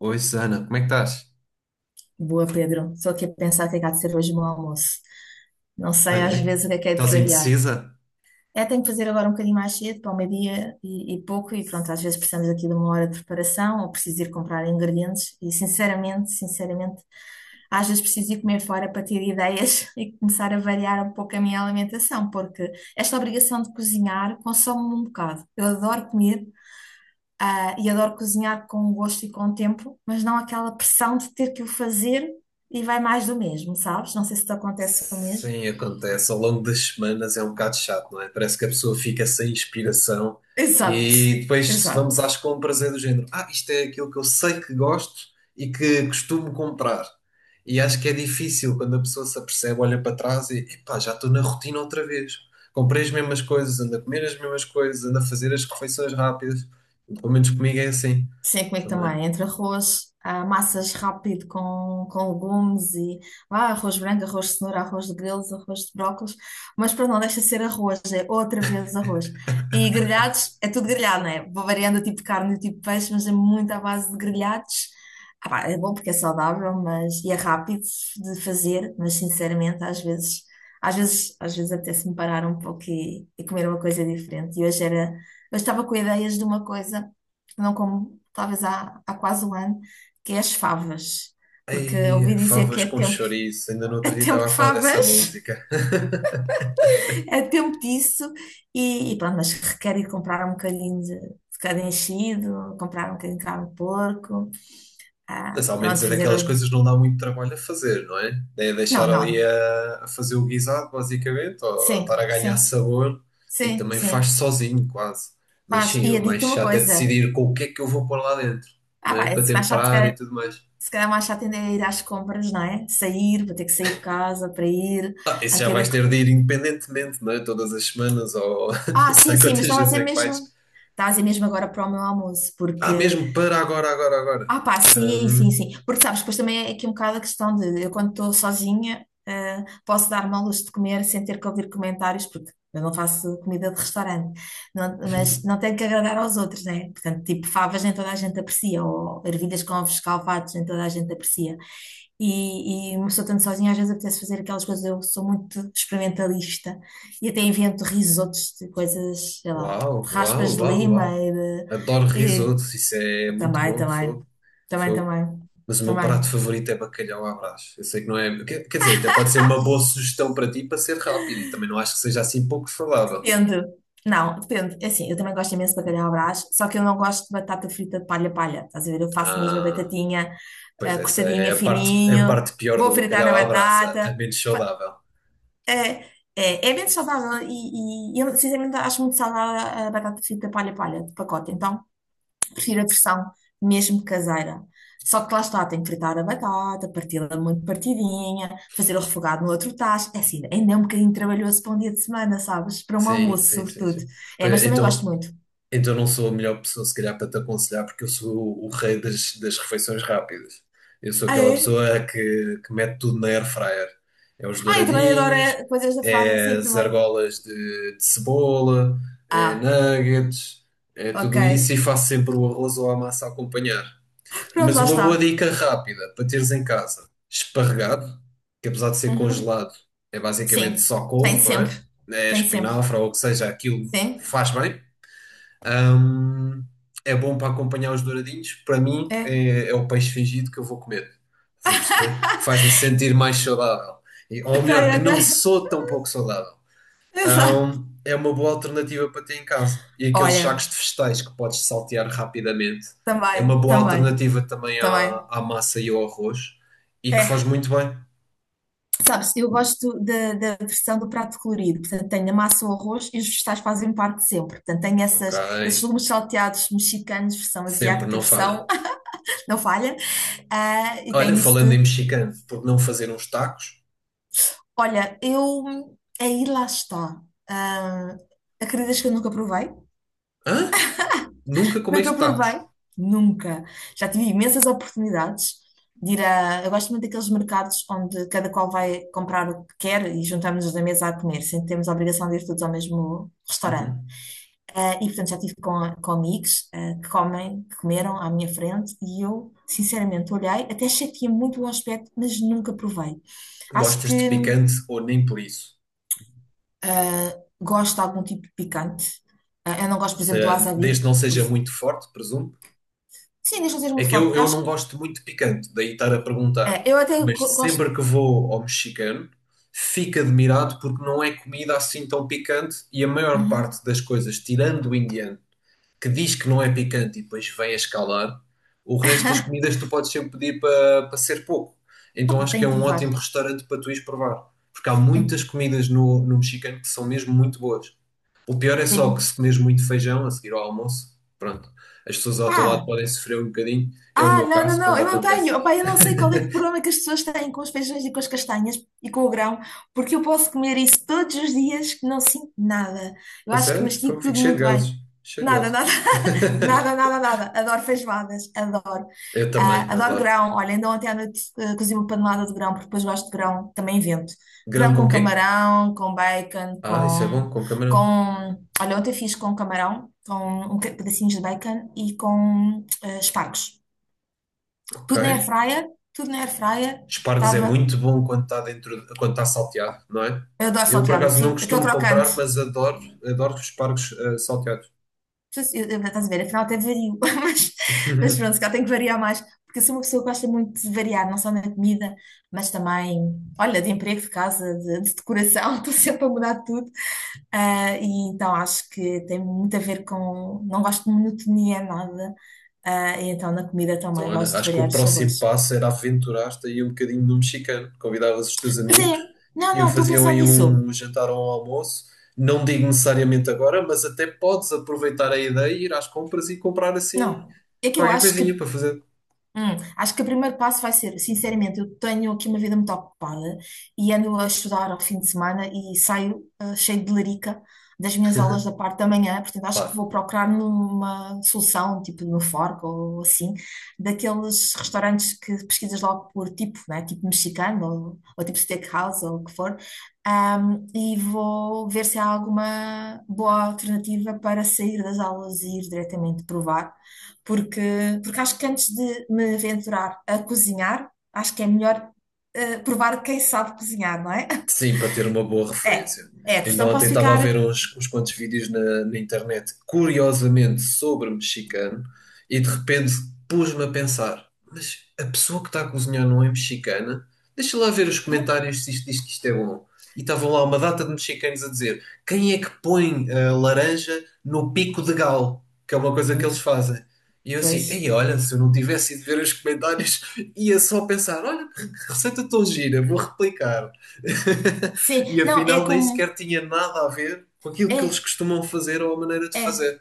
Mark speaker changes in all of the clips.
Speaker 1: Oi, Susana, como é que estás?
Speaker 2: Boa, Pedro. Estou aqui a pensar o que é que há de ser hoje o meu almoço. Não
Speaker 1: Ah,
Speaker 2: sei às
Speaker 1: é?
Speaker 2: vezes o que é de
Speaker 1: Estás
Speaker 2: variar.
Speaker 1: indecisa?
Speaker 2: É, tenho que fazer agora um bocadinho mais cedo, para o meio-dia e pouco, e pronto, às vezes precisamos aqui de uma hora de preparação ou preciso ir comprar ingredientes. E sinceramente, sinceramente, às vezes preciso ir comer fora para ter ideias e começar a variar um pouco a minha alimentação, porque esta obrigação de cozinhar consome-me um bocado. Eu adoro comer, e adoro cozinhar com gosto e com tempo, mas não aquela pressão de ter que o fazer e vai mais do mesmo, sabes? Não sei se te acontece o mesmo.
Speaker 1: Sim, acontece. Ao longo das semanas é um bocado chato, não é? Parece que a pessoa fica sem inspiração
Speaker 2: Exato,
Speaker 1: e depois se vamos
Speaker 2: exato.
Speaker 1: às compras é do género. Ah, isto é aquilo que eu sei que gosto e que costumo comprar. E acho que é difícil quando a pessoa se apercebe, olha para trás e epá, já estou na rotina outra vez. Comprei as mesmas coisas, ando a comer as mesmas coisas, ando a fazer as refeições rápidas. Pelo menos comigo é assim
Speaker 2: Sei como é que
Speaker 1: também.
Speaker 2: também, entre arroz, massas rápido com legumes e arroz branco, arroz de cenoura, arroz de grelos, arroz de brócolos, mas pronto, não deixa de ser arroz, é outra vez arroz. E grelhados, é tudo grelhado, não é? Vou variando o tipo de carne e o tipo de peixe, mas é muito à base de grelhados. Ah pá, é bom porque é saudável, mas e é rápido de fazer, mas sinceramente, às vezes, às vezes apetece-me parar um pouco e comer uma coisa diferente. E hoje era, eu estava com ideias de uma coisa não como talvez há quase um ano, que é as favas. Porque ouvi
Speaker 1: Ai,
Speaker 2: dizer que
Speaker 1: favas
Speaker 2: é
Speaker 1: com
Speaker 2: tempo,
Speaker 1: chouriço. Ainda no
Speaker 2: é
Speaker 1: outro dia
Speaker 2: tempo
Speaker 1: estava
Speaker 2: de
Speaker 1: a falar dessa
Speaker 2: favas,
Speaker 1: música.
Speaker 2: é tempo disso, e pronto, mas requer ir comprar um bocadinho de cada enchido, comprar um bocadinho de carne de porco,
Speaker 1: Mas ao menos
Speaker 2: pronto,
Speaker 1: é
Speaker 2: fazer
Speaker 1: daquelas
Speaker 2: ali.
Speaker 1: coisas que não dá muito trabalho a fazer, não é? É
Speaker 2: Não,
Speaker 1: deixar ali
Speaker 2: não,
Speaker 1: a fazer o guisado, basicamente, ou estar
Speaker 2: sim,
Speaker 1: a ganhar
Speaker 2: sim,
Speaker 1: sabor e
Speaker 2: sim,
Speaker 1: também faz
Speaker 2: sim.
Speaker 1: sozinho, quase. Mas
Speaker 2: Faz.
Speaker 1: sim,
Speaker 2: E
Speaker 1: o
Speaker 2: eu
Speaker 1: mais
Speaker 2: digo-te uma
Speaker 1: chato é
Speaker 2: coisa:
Speaker 1: decidir com o que é que eu vou pôr lá dentro,
Speaker 2: ah
Speaker 1: não
Speaker 2: pá,
Speaker 1: é?
Speaker 2: é
Speaker 1: Para
Speaker 2: mais chato, se
Speaker 1: temperar e
Speaker 2: calhar,
Speaker 1: tudo mais.
Speaker 2: se calhar mais chato ainda é ir às compras, não é? Sair, vou ter que sair de casa para ir,
Speaker 1: Ah, isso já
Speaker 2: aqui.
Speaker 1: vais ter de ir independentemente, não é? Todas as semanas ou não
Speaker 2: Ah, sim,
Speaker 1: sei
Speaker 2: sim, mas
Speaker 1: quantas
Speaker 2: estava a
Speaker 1: vezes
Speaker 2: dizer
Speaker 1: é que vais.
Speaker 2: mesmo. Estava a dizer mesmo agora para o meu almoço,
Speaker 1: Ah,
Speaker 2: porque.
Speaker 1: mesmo para agora, agora, agora.
Speaker 2: Ah pá, sim, sim,
Speaker 1: Hum.
Speaker 2: sim. Porque sabes, depois também é aqui um bocado a questão de eu, quando estou sozinha, posso dar-me ao luxo de comer sem ter que ouvir comentários, porque eu não faço comida de restaurante. Mas não tenho que agradar aos outros, né? Portanto, tipo, favas nem toda a gente aprecia, ou ervilhas com ovos escalfados nem toda a gente aprecia. E uma pessoa estando sozinha às vezes apetece fazer aquelas coisas. Eu sou muito experimentalista e até invento risotos de coisas, sei lá,
Speaker 1: Uau,
Speaker 2: de
Speaker 1: uau,
Speaker 2: raspas de
Speaker 1: uau,
Speaker 2: lima
Speaker 1: uau. Adoro
Speaker 2: de,
Speaker 1: risotos, isso é
Speaker 2: e
Speaker 1: muito
Speaker 2: também,
Speaker 1: bom, fogo,
Speaker 2: também,
Speaker 1: fogo.
Speaker 2: também,
Speaker 1: Mas o meu prato
Speaker 2: também.
Speaker 1: favorito é bacalhau à Brás. Eu sei que não é. Quer dizer, até pode ser uma boa sugestão para ti para ser rápido e também não acho que seja assim pouco falável.
Speaker 2: Depende. Não, depende. É assim, eu também gosto imenso de bacalhau à Brás, só que eu não gosto de batata frita de palha-palha. Estás a ver? Eu faço mesmo a
Speaker 1: Ah,
Speaker 2: batatinha
Speaker 1: pois essa é
Speaker 2: cortadinha
Speaker 1: a
Speaker 2: fininho,
Speaker 1: parte pior
Speaker 2: vou
Speaker 1: do
Speaker 2: fritar a
Speaker 1: bacalhau à Brás, a
Speaker 2: batata.
Speaker 1: menos saudável.
Speaker 2: É, é bem saudável e eu sinceramente acho muito saudável a batata frita palha-palha de pacote, então prefiro a versão mesmo caseira. Só que lá está, tem que fritar a batata, parti-la muito partidinha, fazer o refogado no outro tacho. É assim, ainda é um bocadinho trabalhoso para um dia de semana, sabes? Para um
Speaker 1: Sim,
Speaker 2: almoço,
Speaker 1: sim, sim,
Speaker 2: sobretudo.
Speaker 1: sim.
Speaker 2: É,
Speaker 1: Pois
Speaker 2: mas
Speaker 1: é.
Speaker 2: também gosto
Speaker 1: Então,
Speaker 2: muito.
Speaker 1: Então não sou a melhor pessoa, se calhar, para te aconselhar, porque eu sou o rei das refeições rápidas. Eu sou
Speaker 2: Ah,
Speaker 1: aquela
Speaker 2: é?
Speaker 1: pessoa que mete tudo na air fryer. É os
Speaker 2: Ah, eu também adoro
Speaker 1: douradinhos,
Speaker 2: é coisas da praia,
Speaker 1: é
Speaker 2: assim
Speaker 1: as
Speaker 2: também.
Speaker 1: argolas de cebola, é
Speaker 2: Ah,
Speaker 1: nuggets, é
Speaker 2: ok.
Speaker 1: tudo isso e faço sempre o arroz ou a massa a acompanhar.
Speaker 2: Pronto,
Speaker 1: Mas
Speaker 2: lá
Speaker 1: uma
Speaker 2: está.
Speaker 1: boa dica rápida para teres em casa: esparregado, que apesar de ser
Speaker 2: Uhum.
Speaker 1: congelado, é basicamente
Speaker 2: Sim,
Speaker 1: só
Speaker 2: tem
Speaker 1: couve, não é?
Speaker 2: sempre.
Speaker 1: É
Speaker 2: Tem sempre.
Speaker 1: espinafre ou o que seja, aquilo
Speaker 2: Sim,
Speaker 1: faz bem. Hum, é bom para acompanhar os douradinhos. Para mim,
Speaker 2: é.
Speaker 1: é, é o peixe fingido que eu vou comer. Estás a perceber? Faz-me sentir mais saudável. Ou
Speaker 2: Ok,
Speaker 1: melhor, que
Speaker 2: ok.
Speaker 1: não sou tão pouco saudável.
Speaker 2: Exato.
Speaker 1: É uma boa alternativa para ter em casa. E aqueles
Speaker 2: Olha,
Speaker 1: sacos de vegetais que podes saltear rapidamente. É uma
Speaker 2: também,
Speaker 1: boa
Speaker 2: também,
Speaker 1: alternativa também
Speaker 2: também.
Speaker 1: à, à massa e ao arroz. E que faz
Speaker 2: É.
Speaker 1: muito bem.
Speaker 2: Sabes, eu gosto da, da versão do prato colorido. Portanto, tenho a massa o arroz e os vegetais fazem parte sempre. Portanto,
Speaker 1: Ok.
Speaker 2: esses legumes salteados mexicanos, versão
Speaker 1: Sempre,
Speaker 2: asiática,
Speaker 1: não
Speaker 2: versão
Speaker 1: falha.
Speaker 2: não falha. Ah, e
Speaker 1: Olha,
Speaker 2: tenho isso
Speaker 1: falando em
Speaker 2: tudo.
Speaker 1: mexicano, por não fazer uns tacos?
Speaker 2: Olha, eu. Aí lá está. Ah, acreditas que eu nunca provei?
Speaker 1: Hã? Nunca
Speaker 2: Nunca
Speaker 1: comeste tacos?
Speaker 2: provei, nunca. Já tive imensas oportunidades de ir a. Eu gosto muito daqueles mercados onde cada qual vai comprar o que quer e juntamos-nos na mesa a comer, sem termos a obrigação de ir todos ao mesmo restaurante.
Speaker 1: Uhum.
Speaker 2: E portanto já tive com amigos que comeram à minha frente e eu, sinceramente, olhei, até achei que tinha muito bom aspecto, mas nunca provei. Acho
Speaker 1: Gostas de
Speaker 2: que
Speaker 1: picante ou nem por isso?
Speaker 2: eh, gosto de algum tipo de picante. Eu não gosto, por
Speaker 1: Ou
Speaker 2: exemplo, do
Speaker 1: seja, desde que
Speaker 2: wasabi.
Speaker 1: não seja muito forte, presumo.
Speaker 2: Sim, deixa eu ser
Speaker 1: É
Speaker 2: muito
Speaker 1: que
Speaker 2: forte. Eu
Speaker 1: eu
Speaker 2: acho
Speaker 1: não
Speaker 2: que
Speaker 1: gosto muito de picante, daí estar a perguntar.
Speaker 2: é, eu até
Speaker 1: Mas
Speaker 2: gosto.
Speaker 1: sempre que vou ao mexicano, fico admirado porque não é comida assim tão picante e a maior
Speaker 2: Uhum.
Speaker 1: parte das coisas, tirando o indiano, que diz que não é picante e depois vem a escalar, o resto das comidas tu podes sempre pedir para ser pouco. Então
Speaker 2: Opa,
Speaker 1: acho que é
Speaker 2: tenho que
Speaker 1: um
Speaker 2: provar.
Speaker 1: ótimo restaurante para tu ires provar. Porque há
Speaker 2: Tenho,
Speaker 1: muitas comidas no, no mexicano que são mesmo muito boas. O pior é só que
Speaker 2: tenho.
Speaker 1: se comes muito feijão a seguir ao almoço, pronto, as pessoas ao teu lado
Speaker 2: Ah,
Speaker 1: podem sofrer um bocadinho. É o
Speaker 2: ah,
Speaker 1: meu
Speaker 2: não, não,
Speaker 1: caso
Speaker 2: não,
Speaker 1: quando
Speaker 2: eu não
Speaker 1: acontece.
Speaker 2: tenho. Opa, eu não sei qual é que é o problema que as pessoas têm com os feijões e com as castanhas e com o grão, porque eu posso comer isso todos os dias que não sinto nada. Eu
Speaker 1: A
Speaker 2: acho que
Speaker 1: sério? Pô,
Speaker 2: mastigo
Speaker 1: fico
Speaker 2: tudo
Speaker 1: cheio de
Speaker 2: muito bem.
Speaker 1: gases. Cheio de
Speaker 2: Nada,
Speaker 1: gases.
Speaker 2: nada. Nada, nada, nada. Adoro feijoadas, adoro.
Speaker 1: Eu também,
Speaker 2: Ah, adoro
Speaker 1: adoro.
Speaker 2: grão. Olha, ainda ontem à noite cozi uma panelada de grão, porque depois gosto de grão, também invento.
Speaker 1: Grão
Speaker 2: Grão com
Speaker 1: com quê?
Speaker 2: camarão, com bacon,
Speaker 1: Ah, isso é bom, com camarão.
Speaker 2: Olha, ontem fiz com camarão, com pedacinhos de bacon e com espargos.
Speaker 1: Ok.
Speaker 2: Tudo na airfryer, tudo na airfryer.
Speaker 1: Espargos é
Speaker 2: Estava...
Speaker 1: muito bom quando está dentro, quando está salteado, não é?
Speaker 2: Eu adoro
Speaker 1: Eu por
Speaker 2: salteado,
Speaker 1: acaso não
Speaker 2: assim, aquele
Speaker 1: costumo comprar,
Speaker 2: crocante.
Speaker 1: mas adoro, adoro espargos salteados.
Speaker 2: Eu, estás a ver, afinal até vario, mas pronto, se calhar tenho que variar mais, porque eu sou uma pessoa que gosta muito de variar, não só na comida, mas também, olha, de emprego, de casa, de decoração, estou sempre a mudar tudo. Ah, e então acho que tem muito a ver com, não gosto de monotonia, nada. Ah, e então na comida
Speaker 1: Então,
Speaker 2: também
Speaker 1: olha,
Speaker 2: gosto de
Speaker 1: acho que
Speaker 2: variar
Speaker 1: o
Speaker 2: os
Speaker 1: próximo
Speaker 2: sabores.
Speaker 1: passo era aventurar-te aí um bocadinho no mexicano. Convidavas os teus
Speaker 2: Mas
Speaker 1: amigos
Speaker 2: é, não,
Speaker 1: e
Speaker 2: não, estou a
Speaker 1: faziam
Speaker 2: pensar
Speaker 1: aí
Speaker 2: nisso.
Speaker 1: um jantar ou um almoço. Não digo necessariamente agora, mas até podes aproveitar a ideia e ir às compras e comprar assim
Speaker 2: Não, é que eu
Speaker 1: qualquer
Speaker 2: acho que.
Speaker 1: coisinha para fazer.
Speaker 2: Acho que o primeiro passo vai ser, sinceramente, eu tenho aqui uma vida muito ocupada e ando a estudar ao fim de semana e saio cheio de larica das minhas aulas da parte da manhã, portanto acho que vou
Speaker 1: Claro.
Speaker 2: procurar numa solução, tipo no Fork ou assim, daqueles restaurantes que pesquisas logo por tipo, né? Tipo mexicano ou tipo steakhouse ou o que for. E vou ver se há alguma boa alternativa para sair das aulas e ir diretamente provar, porque, porque acho que antes de me aventurar a cozinhar, acho que é melhor provar quem sabe cozinhar, não é?
Speaker 1: Sim, para ter uma boa
Speaker 2: É,
Speaker 1: referência.
Speaker 2: é, porque
Speaker 1: Ainda
Speaker 2: não
Speaker 1: ontem
Speaker 2: posso
Speaker 1: estava a
Speaker 2: ficar.
Speaker 1: ver uns quantos vídeos na internet, curiosamente sobre mexicano, e de repente pus-me a pensar: mas a pessoa que está a cozinhar não é mexicana? Deixa lá ver os comentários se isto diz que isto é bom. E estavam lá uma data de mexicanos a dizer: quem é que põe a laranja no pico de galo? Que é uma coisa que eles
Speaker 2: Pois,
Speaker 1: fazem. E eu assim,
Speaker 2: pois.
Speaker 1: ei, olha, se eu não tivesse ido ver os comentários, ia só pensar: olha, que receita tão gira, vou replicar. E
Speaker 2: Sim, não, é
Speaker 1: afinal nem
Speaker 2: como.
Speaker 1: sequer tinha nada a ver com aquilo que eles
Speaker 2: É,
Speaker 1: costumam fazer ou a maneira de
Speaker 2: é.
Speaker 1: fazer.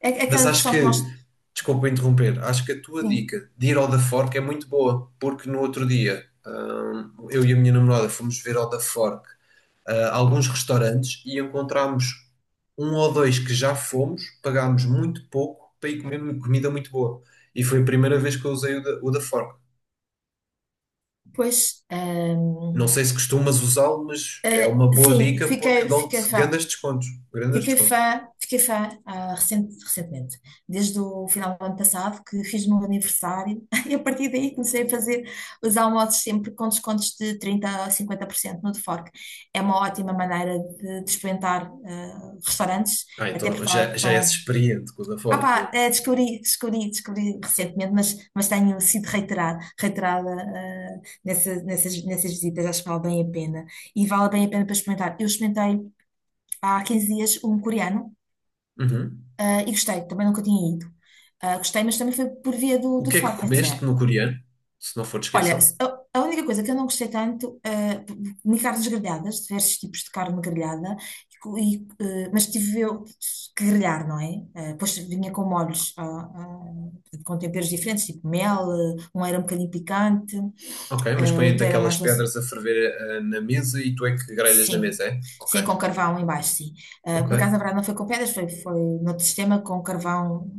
Speaker 2: É
Speaker 1: Mas
Speaker 2: aquela
Speaker 1: acho
Speaker 2: questão que nós.
Speaker 1: que, desculpa interromper, acho que a tua
Speaker 2: Sim,
Speaker 1: dica de ir ao da Fork é muito boa, porque no outro dia eu e a minha namorada fomos ver ao da Fork alguns restaurantes e encontramos um ou dois que já fomos, pagámos muito pouco para ir comer comida muito boa. E foi a primeira vez que eu usei o da Fork.
Speaker 2: pois. Hum,
Speaker 1: Não sei se costumas usá-lo, mas é uma boa dica porque dão-te
Speaker 2: fiquei fã.
Speaker 1: grandes descontos. Grandes descontos.
Speaker 2: Fiquei fã recentemente, desde o final do ano passado, que fiz o meu aniversário, e a partir daí comecei a fazer os almoços sempre com descontos de 30 a 50% no Fork. É uma ótima maneira de experimentar restaurantes,
Speaker 1: Ah,
Speaker 2: até
Speaker 1: então
Speaker 2: porque lá
Speaker 1: já, já és
Speaker 2: estão.
Speaker 1: experiente com o da
Speaker 2: Ah
Speaker 1: Ford
Speaker 2: pá,
Speaker 1: mesmo.
Speaker 2: descobri recentemente, mas tenho sido reiterada, reiterada nessas visitas, acho que vale bem a pena. E vale bem a pena para experimentar. Eu experimentei há 15 dias um coreano.
Speaker 1: Uhum.
Speaker 2: Ah, e gostei, também nunca tinha ido. Ah, gostei, mas também foi por via do,
Speaker 1: O
Speaker 2: do
Speaker 1: que é que
Speaker 2: fora, pensei.
Speaker 1: comeste no coreano? Se não for
Speaker 2: Olha,
Speaker 1: descrição.
Speaker 2: a única coisa que eu não gostei tanto, ah, comi carnes grelhadas, diversos tipos de carne grelhada, mas tive eu que grelhar, não é? Ah, depois vinha com molhos, com temperos diferentes, tipo mel, um era um bocadinho picante,
Speaker 1: Ok, mas
Speaker 2: ah,
Speaker 1: põem
Speaker 2: outro era
Speaker 1: daquelas
Speaker 2: mais doce.
Speaker 1: pedras a ferver na mesa e tu é que grelhas na
Speaker 2: Sim,
Speaker 1: mesa, é?
Speaker 2: sim,
Speaker 1: Ok.
Speaker 2: com carvão em baixo, sim. Ah,
Speaker 1: Ok.
Speaker 2: por acaso, na verdade, não foi com pedras, foi no sistema com carvão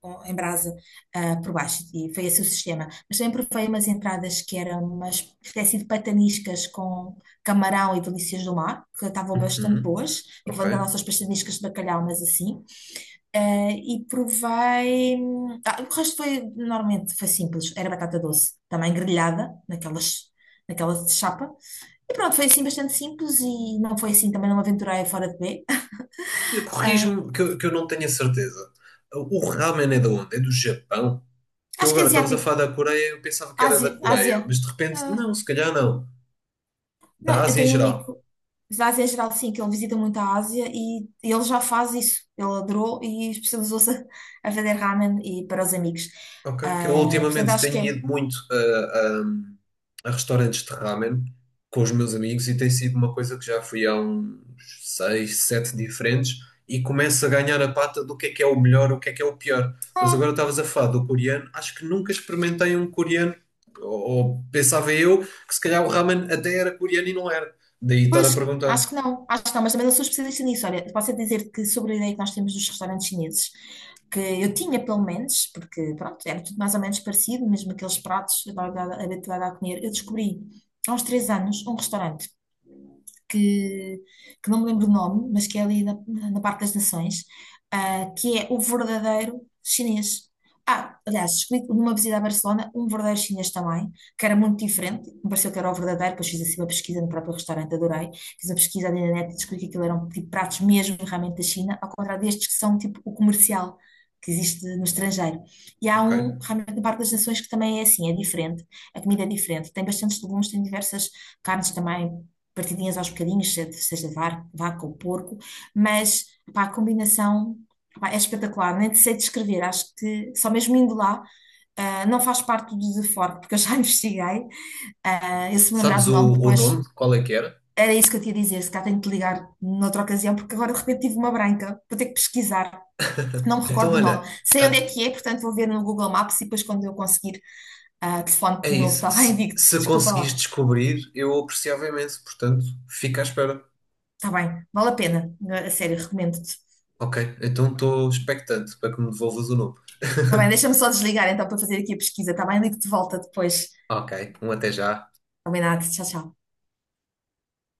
Speaker 2: em brasa por baixo e foi esse o sistema. Mas também provei umas entradas que eram umas espécie de pataniscas com camarão e delícias do mar, que estavam bastante
Speaker 1: Uhum.
Speaker 2: boas, e que
Speaker 1: Ok.
Speaker 2: equivalente às nossas pataniscas de bacalhau, mas assim. Ah, e provei. Ah, o resto foi, normalmente, foi simples. Era batata doce, também grelhada, naquelas, naquela chapa. E pronto, foi assim bastante simples e não foi assim, também não me aventurei fora de B. Ah,
Speaker 1: Corrijo-me que eu não tenho a certeza. O ramen é de onde? É do Japão? Que eu
Speaker 2: acho que é
Speaker 1: agora estavas a
Speaker 2: asiático.
Speaker 1: falar da Coreia, eu pensava que era da
Speaker 2: Ásia, Ásia.
Speaker 1: Coreia, mas de repente,
Speaker 2: Ah,
Speaker 1: não, se calhar não.
Speaker 2: não,
Speaker 1: Da
Speaker 2: eu
Speaker 1: Ásia em
Speaker 2: tenho um
Speaker 1: geral.
Speaker 2: amigo da Ásia Geral, sim, que ele visita muito a Ásia e ele já faz isso. Ele adorou e especializou-se a vender ramen e para os amigos.
Speaker 1: Ok, que eu
Speaker 2: Ah, portanto,
Speaker 1: ultimamente
Speaker 2: acho
Speaker 1: tenho
Speaker 2: que é.
Speaker 1: ido muito a, a- a restaurantes de ramen com os meus amigos e tem sido uma coisa que já fui a uns seis, sete diferentes e começo a ganhar a pata do que é o melhor, o que é o pior. Mas
Speaker 2: ah,
Speaker 1: agora estavas a falar do coreano, acho que nunca experimentei um coreano, ou, ou pensava eu que se calhar o ramen até era coreano e não era. Daí estar a
Speaker 2: Pois,
Speaker 1: perguntar.
Speaker 2: acho que não, mas também não sou especialista nisso. Olha, posso é dizer que sobre a ideia que nós temos dos restaurantes chineses, que eu tinha pelo menos, porque pronto, era tudo mais ou menos parecido, mesmo aqueles pratos que eu estava habituada a comer, eu descobri há uns 3 anos um restaurante que, que não me lembro o nome, mas que é ali na, na Parque das Nações, ah, que é o verdadeiro chinês. Ah, aliás, descobri numa visita a Barcelona um verdadeiro chinês também, que era muito diferente, me pareceu que era o verdadeiro, depois fiz assim uma pesquisa no próprio restaurante, adorei, fiz uma pesquisa ali na net e descobri que aquilo eram tipo pratos mesmo realmente da China, ao contrário destes que são tipo o comercial que existe no estrangeiro. E há
Speaker 1: Ok.
Speaker 2: um, realmente, no Parque das Nações que também é assim, é diferente, a comida é diferente, tem bastantes legumes, tem diversas carnes também, partidinhas aos bocadinhos, seja de vaca ou porco, mas pá, a combinação pá, é espetacular, nem sei descrever, acho que só mesmo indo lá não faz parte do deforme, porque eu já investiguei. Ah, eu se me lembrar
Speaker 1: Sabes
Speaker 2: do
Speaker 1: o,
Speaker 2: nome,
Speaker 1: o
Speaker 2: depois
Speaker 1: nome? Qual é que era?
Speaker 2: era isso que eu tinha a dizer. Se calhar tenho que te ligar noutra ocasião, porque agora de repente tive uma branca. Vou ter que pesquisar, não me
Speaker 1: Então,
Speaker 2: recordo o nome.
Speaker 1: olha,
Speaker 2: Sei onde é que é, portanto vou ver no Google Maps e depois quando eu conseguir telefone
Speaker 1: é
Speaker 2: de novo,
Speaker 1: isso.
Speaker 2: está bem?
Speaker 1: Se,
Speaker 2: Digo-te,
Speaker 1: se
Speaker 2: desculpa
Speaker 1: conseguires
Speaker 2: lá.
Speaker 1: descobrir, eu apreciava imenso. Portanto, fica à espera.
Speaker 2: Está bem, vale a pena. A sério, recomendo-te.
Speaker 1: Ok, então estou expectante para que me devolvas o nome.
Speaker 2: Está bem, deixa-me só desligar então para fazer aqui a pesquisa, está bem? Ligo-te de volta depois.
Speaker 1: Ok, um até já.
Speaker 2: Combinado, tchau, tchau.